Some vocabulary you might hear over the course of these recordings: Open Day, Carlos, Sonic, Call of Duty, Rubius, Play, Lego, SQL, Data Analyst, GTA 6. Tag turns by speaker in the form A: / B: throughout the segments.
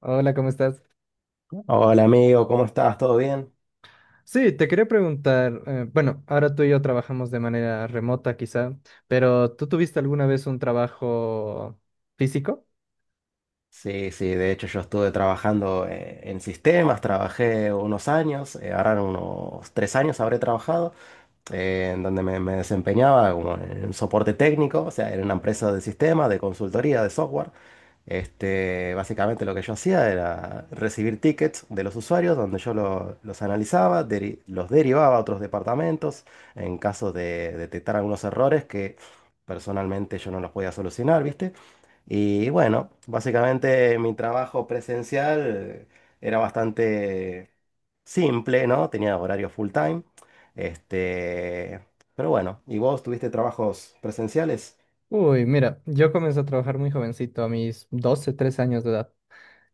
A: Hola, ¿cómo estás?
B: Hola amigo, ¿cómo estás? ¿Todo bien?
A: Sí, te quería preguntar, bueno, ahora tú y yo trabajamos de manera remota quizá, pero ¿tú tuviste alguna vez un trabajo físico?
B: Sí, sí, de hecho yo estuve trabajando en sistemas, trabajé unos años, ahora unos 3 años habré trabajado, en donde me desempeñaba como en soporte técnico, o sea, en una empresa de sistemas, de consultoría, de software. Este, básicamente lo que yo hacía era recibir tickets de los usuarios, donde yo los analizaba, los derivaba a otros departamentos en caso de detectar algunos errores que personalmente yo no los podía solucionar, ¿viste? Y bueno, básicamente mi trabajo presencial era bastante simple, ¿no? Tenía horario full time. Este, pero bueno, ¿y vos tuviste trabajos presenciales?
A: Uy, mira, yo comencé a trabajar muy jovencito, a mis 12, 13 años de edad.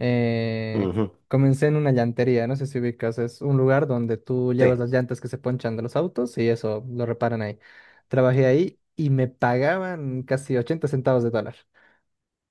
A: Eh,
B: Ujú.
A: comencé en una llantería, no sé si ubicas, es un lugar donde tú llevas
B: Sí.
A: las llantas que se ponchan de los autos y eso lo reparan ahí. Trabajé ahí y me pagaban casi 80 centavos de dólar.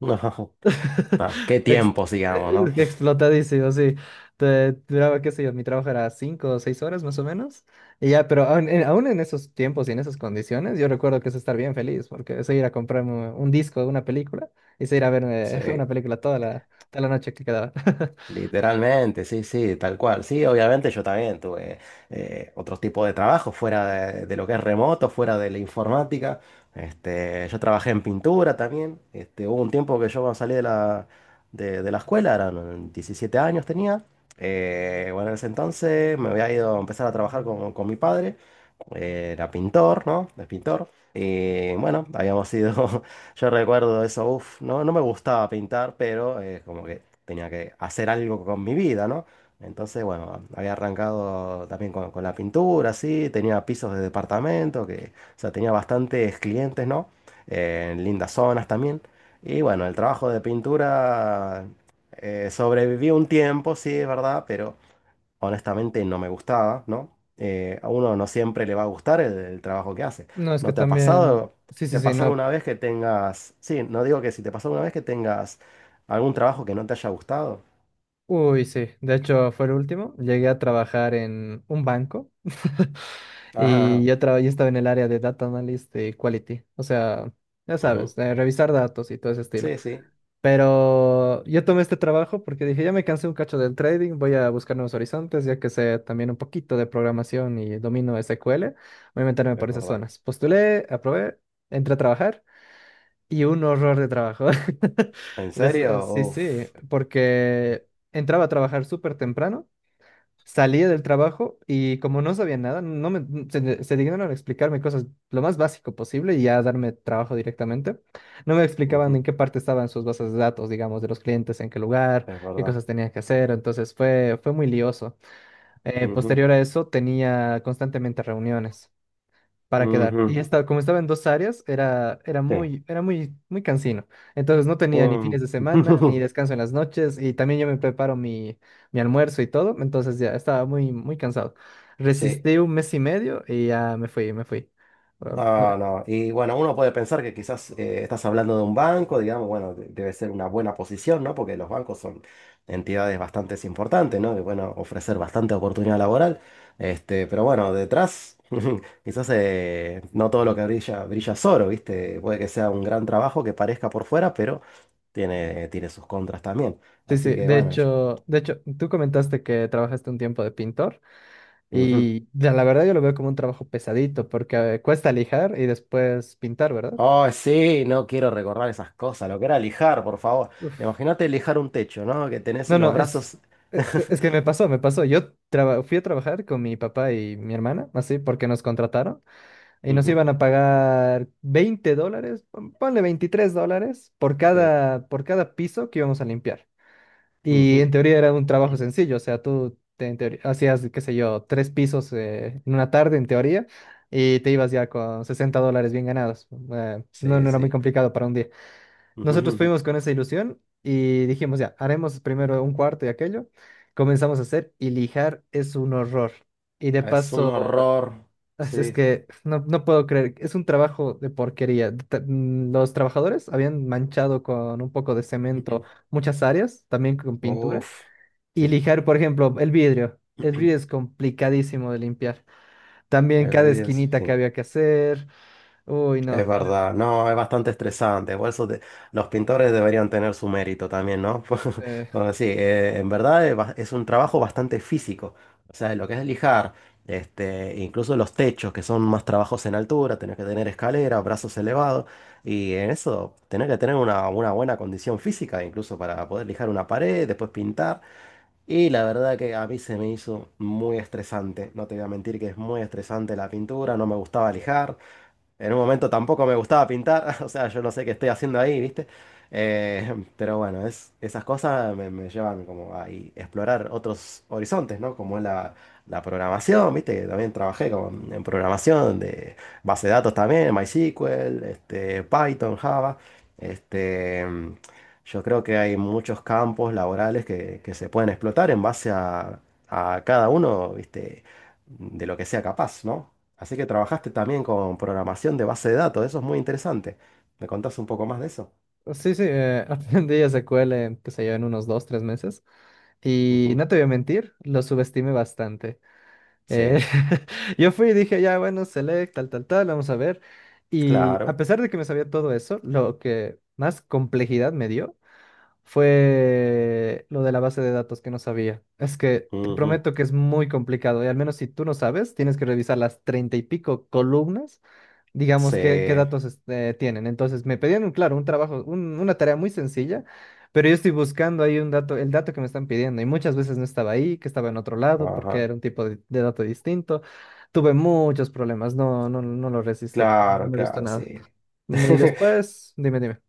B: No, qué
A: Ex-
B: tiempos, digamos,
A: eh,
B: ¿no?
A: explotadísimo, sí. Duraba, qué sé yo, mi trabajo era cinco o seis horas más o menos. Y ya, pero aún en esos tiempos y en esas condiciones, yo recuerdo que es estar bien feliz, porque es ir a comprarme un disco, una película, y es ir a ver
B: Sí.
A: una película toda la noche que quedaba.
B: Literalmente, sí, sí, tal cual. Sí, obviamente yo también tuve otros tipos de trabajo fuera de lo que es remoto, fuera de la informática. Este, yo trabajé en pintura también. Este, hubo un tiempo que yo cuando salí de la escuela, eran 17 años tenía. Bueno, en ese entonces me había ido a empezar a trabajar con mi padre. Era pintor, ¿no? Es pintor. Y bueno, habíamos ido. Yo recuerdo eso, uff, no, no me gustaba pintar, pero como que tenía que hacer algo con mi vida, ¿no? Entonces, bueno, había arrancado también con la pintura, sí, tenía pisos de departamento, que, o sea, tenía bastantes clientes, ¿no? En lindas zonas también. Y bueno, el trabajo de pintura sobrevivió un tiempo, sí, es verdad, pero honestamente no me gustaba, ¿no? A uno no siempre le va a gustar el trabajo que hace.
A: No, es que
B: ¿No te ha
A: también,
B: pasado?
A: sí, sí,
B: ¿Te ha
A: sí,
B: pasado
A: no.
B: una vez que tengas, sí, no digo que si te pasó una vez que tengas algún trabajo que no te haya gustado?
A: Uy, sí. De hecho, fue el último. Llegué a trabajar en un banco y
B: Ajá,
A: yo estaba en el área de Data Analyst y Quality. O sea, ya sabes,
B: ujú.
A: revisar datos y todo ese estilo.
B: Sí, sí,
A: Pero yo tomé este trabajo porque dije, ya me cansé un cacho del trading, voy a buscar nuevos horizontes, ya que sé también un poquito de programación y domino SQL, voy a meterme
B: es
A: por esas
B: verdad.
A: zonas. Postulé, aprobé, entré a trabajar. Y un horror de trabajo.
B: ¿En serio?
A: Sí, sí,
B: Uf,
A: porque entraba a trabajar súper temprano, salía del trabajo y como no sabía nada, no me, se dignaron a explicarme cosas lo más básico posible y ya darme trabajo directamente. No me explicaban
B: ujú,
A: en qué parte estaban sus bases de datos, digamos, de los clientes, en qué lugar,
B: es
A: qué
B: verdad.
A: cosas tenía que hacer. Entonces fue muy lioso. Eh,
B: Ujú,
A: posterior a eso tenía constantemente reuniones para quedar.
B: ujú,
A: Y esta, como estaba en dos áreas, era, era
B: sí.
A: muy, era muy, muy cansino. Entonces no tenía ni fines
B: Um,
A: de semana, ni descanso en las noches, y también yo me preparo mi almuerzo y todo, entonces ya estaba muy, muy cansado.
B: Sí.
A: Resistí un mes y medio y ya me fui, me fui. Ah, ah.
B: Ah, no. Y bueno, uno puede pensar que quizás estás hablando de un banco, digamos, bueno, debe ser una buena posición, ¿no? Porque los bancos son entidades bastante importantes, ¿no? Que bueno, ofrecer bastante oportunidad laboral. Este, pero bueno, detrás, quizás no todo lo que brilla, brilla es oro, ¿viste? Puede que sea un gran trabajo que parezca por fuera, pero tiene sus contras también.
A: Sí,
B: Así
A: sí,
B: que
A: de
B: bueno.
A: hecho, de hecho, tú comentaste que trabajaste un tiempo de pintor
B: Ujú.
A: y ya, la verdad yo lo veo como un trabajo pesadito porque cuesta lijar y después pintar, ¿verdad?
B: Oh, sí, no quiero recordar esas cosas, lo que era lijar, por favor.
A: Uf.
B: Imagínate lijar un techo, ¿no? Que tenés
A: No,
B: los
A: no, es,
B: brazos.
A: e- e- es que me pasó, me pasó. Yo fui a trabajar con mi papá y mi hermana, así, porque nos contrataron y nos
B: Ujú,
A: iban a pagar $20, ponle $23 por
B: sí.
A: cada, por cada piso que íbamos a limpiar.
B: Ujú,
A: Y en teoría era un trabajo sencillo, o sea, en teoría, hacías, qué sé yo, tres pisos en una tarde, en teoría, y te ibas ya con $60 bien ganados. No,
B: sí,
A: no era muy
B: sí.
A: complicado para un día. Nosotros
B: Ujú,
A: fuimos con esa ilusión y dijimos, ya, haremos primero un cuarto y aquello. Comenzamos a hacer y lijar es un horror. Y de
B: es un
A: paso,
B: horror.
A: es
B: Sí.
A: es que no, no puedo creer, es un trabajo de porquería. Los trabajadores habían manchado con un poco de cemento muchas áreas, también con pintura.
B: Uf.
A: Y
B: Sí.
A: lijar, por ejemplo, el vidrio. El vidrio es complicadísimo de limpiar. También
B: El
A: cada
B: vídeo es.
A: esquinita que
B: Sí.
A: había que hacer. Uy, no.
B: Es verdad, no, es bastante estresante. Por eso los pintores deberían tener su mérito también, ¿no?
A: eh,
B: Bueno, sí, en verdad es un trabajo bastante físico. O sea, lo que es lijar, este, incluso los techos, que son más trabajos en altura, tenés que tener escalera, brazos elevados, y en eso tenés que tener una buena condición física, incluso para poder lijar una pared, después pintar. Y la verdad que a mí se me hizo muy estresante. No te voy a mentir que es muy estresante la pintura, no me gustaba lijar. En un momento tampoco me gustaba pintar, o sea, yo no sé qué estoy haciendo ahí, ¿viste? Pero bueno, esas cosas me llevan como a y explorar otros horizontes, ¿no? Como es la programación, ¿viste? Que también trabajé como en programación de base de datos también, MySQL, este, Python, Java. Este, yo creo que hay muchos campos laborales que se pueden explotar en base a cada uno, ¿viste? De lo que sea capaz, ¿no? Así que trabajaste también con programación de base de datos, eso es muy interesante. ¿Me contás un poco más de eso?
A: Sí, sí, Open Day ya se cuele, en, qué sé yo, en unos dos, tres meses. Y no
B: Ujú.
A: te voy a mentir, lo subestimé bastante. Eh,
B: Sí,
A: yo fui y dije, ya, bueno, select, tal, tal, tal, vamos a ver. Y a
B: claro.
A: pesar de que me sabía todo eso, lo que más complejidad me dio fue lo de la base de datos que no sabía. Es que te
B: Ujú.
A: prometo que es muy complicado y al menos si tú no sabes, tienes que revisar las treinta y pico columnas, digamos,
B: Sí,
A: qué datos tienen. Entonces me pedían, claro, un trabajo, una tarea muy sencilla, pero yo estoy buscando ahí un dato, el dato que me están pidiendo y muchas veces no estaba ahí, que estaba en otro lado porque
B: ajá.
A: era un tipo de dato distinto. Tuve muchos problemas, no, no, no lo resistí, no
B: Claro,
A: me gustó
B: claro,
A: nada.
B: sí.
A: Y después, dime, dime.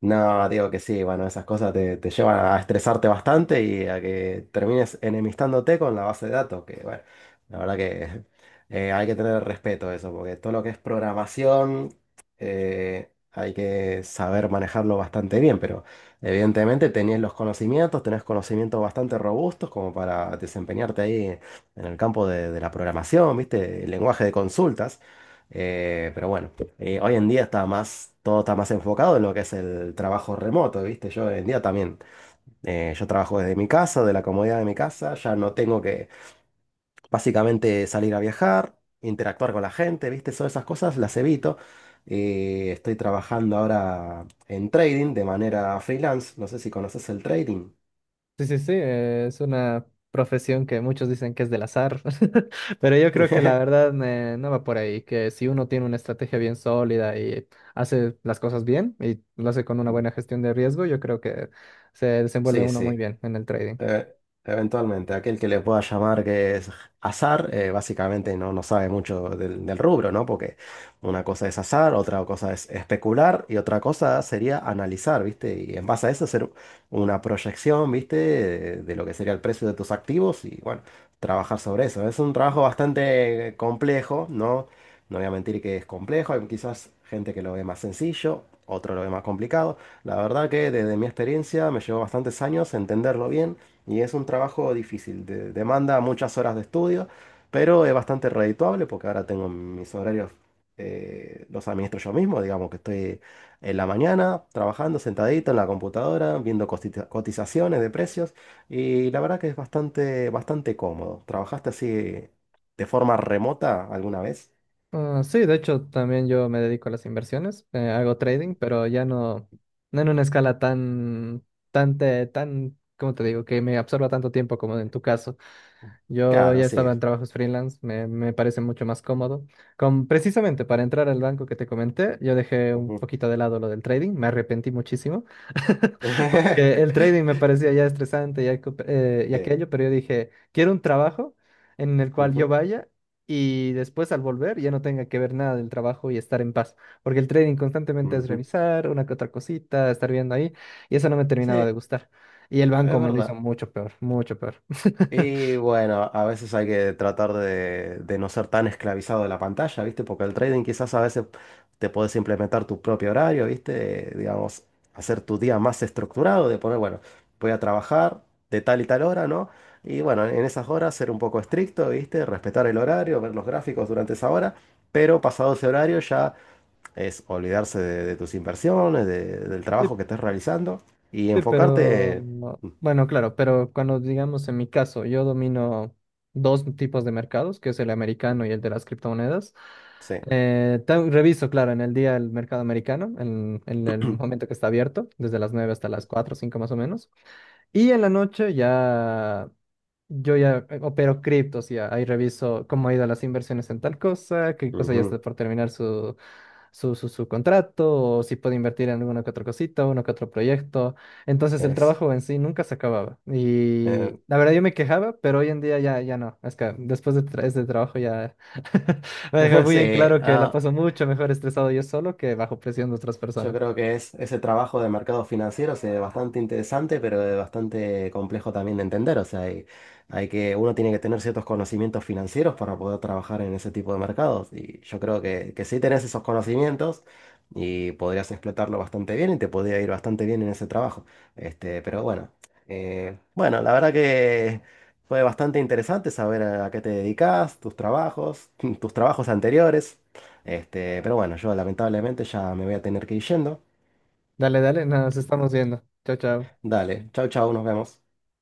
B: No, digo que sí, bueno, esas cosas te llevan a estresarte bastante y a que termines enemistándote con la base de datos, que bueno, la verdad que hay que tener respeto a eso, porque todo lo que es programación hay que saber manejarlo bastante bien, pero evidentemente tenés los conocimientos, tenés conocimientos bastante robustos como para desempeñarte ahí en el campo de la programación, ¿viste? El lenguaje de consultas. Pero bueno, hoy en día está más, todo está más enfocado en lo que es el trabajo remoto, ¿viste? Yo hoy en día también, yo trabajo desde mi casa, de la comodidad de mi casa, ya no tengo que básicamente salir a viajar, interactuar con la gente, ¿viste? Todas esas cosas las evito. Estoy trabajando ahora en trading de manera freelance, no sé si conoces el trading.
A: Sí, sí, sí, es una profesión que muchos dicen que es del azar, pero yo creo que la verdad no va por ahí, que si uno tiene una estrategia bien sólida y hace las cosas bien y lo hace con una buena gestión de riesgo, yo creo que se desenvuelve
B: Sí,
A: uno muy
B: sí.
A: bien en el trading.
B: Eh, eventualmente, aquel que le pueda llamar que es azar, básicamente no, no sabe mucho del rubro, ¿no? Porque una cosa es azar, otra cosa es especular y otra cosa sería analizar, ¿viste? Y en base a eso hacer una proyección, ¿viste? De lo que sería el precio de tus activos y bueno, trabajar sobre eso. Es un trabajo bastante complejo, ¿no? No voy a mentir que es complejo, hay quizás gente que lo ve más sencillo, otro lo ve más complicado. La verdad que desde mi experiencia me llevó bastantes años entenderlo bien y es un trabajo difícil, demanda muchas horas de estudio, pero es bastante redituable porque ahora tengo mis horarios, los administro yo mismo, digamos que estoy en la mañana trabajando sentadito en la computadora, viendo cotizaciones de precios y la verdad que es bastante, bastante cómodo. ¿Trabajaste así de forma remota alguna vez?
A: Ah, sí, de hecho también yo me dedico a las inversiones, hago trading, pero ya no, no en una escala tan, ¿cómo te digo? Que me absorba tanto tiempo como en tu caso. Yo
B: Claro,
A: ya
B: sí.
A: estaba en trabajos freelance, me parece mucho más cómodo. Precisamente para entrar al banco que te comenté, yo dejé un
B: Ujú.
A: poquito de lado lo del trading, me arrepentí muchísimo, porque el trading me parecía ya estresante y
B: Sí.
A: aquello, pero yo dije, quiero un trabajo en el cual yo
B: Ujú,
A: vaya y después al volver ya no tenga que ver nada del trabajo y estar en paz, porque el trading constantemente es
B: ujú.
A: revisar una que otra cosita, estar viendo ahí, y eso no me
B: Sí,
A: terminaba de
B: es
A: gustar. Y el banco me lo hizo
B: verdad.
A: mucho peor, mucho peor.
B: Y bueno, a veces hay que tratar de no ser tan esclavizado de la pantalla, ¿viste? Porque el trading quizás a veces te puedes implementar tu propio horario, ¿viste? Digamos, hacer tu día más estructurado, de poner, bueno, voy a trabajar de tal y tal hora, ¿no? Y bueno, en esas horas ser un poco estricto, ¿viste? Respetar el horario, ver los gráficos durante esa hora, pero pasado ese horario ya es olvidarse de tus inversiones, del trabajo que estés realizando y
A: Sí, pero
B: enfocarte... Mm,
A: bueno, claro, pero cuando digamos en mi caso, yo domino dos tipos de mercados, que es el americano y el de las criptomonedas.
B: sí.
A: Reviso, claro, en el día el mercado americano, en el momento que está abierto, desde las 9 hasta las 4 o 5 más o menos. Y en la noche yo opero criptos, ya ahí reviso cómo ha ido las inversiones en tal cosa, qué cosa ya
B: Ujú.
A: está por terminar su contrato, o si puede invertir en alguna que otra cosita, uno que otro proyecto. Entonces el
B: Es,
A: trabajo en sí nunca se acababa. Y
B: eh,
A: la verdad yo me quejaba, pero hoy en día ya, ya no. Es que después de este trabajo ya me deja muy en
B: sí,
A: claro que la
B: ah,
A: paso mucho mejor estresado yo solo que bajo presión de otras
B: yo
A: personas.
B: creo que es ese trabajo de mercados financieros es bastante interesante, pero es bastante complejo también de entender. O sea, hay que, uno tiene que tener ciertos conocimientos financieros para poder trabajar en ese tipo de mercados. Y yo creo que sí tenés esos conocimientos y podrías explotarlo bastante bien y te podría ir bastante bien en ese trabajo. Este, pero bueno, bueno, la verdad que fue bastante interesante saber a qué te dedicas, tus trabajos, tus trabajos anteriores. Este, pero bueno, yo lamentablemente ya me voy a tener que ir yendo.
A: Dale, dale, nos estamos viendo. Chao, chao.
B: Dale, chau, chau, nos vemos.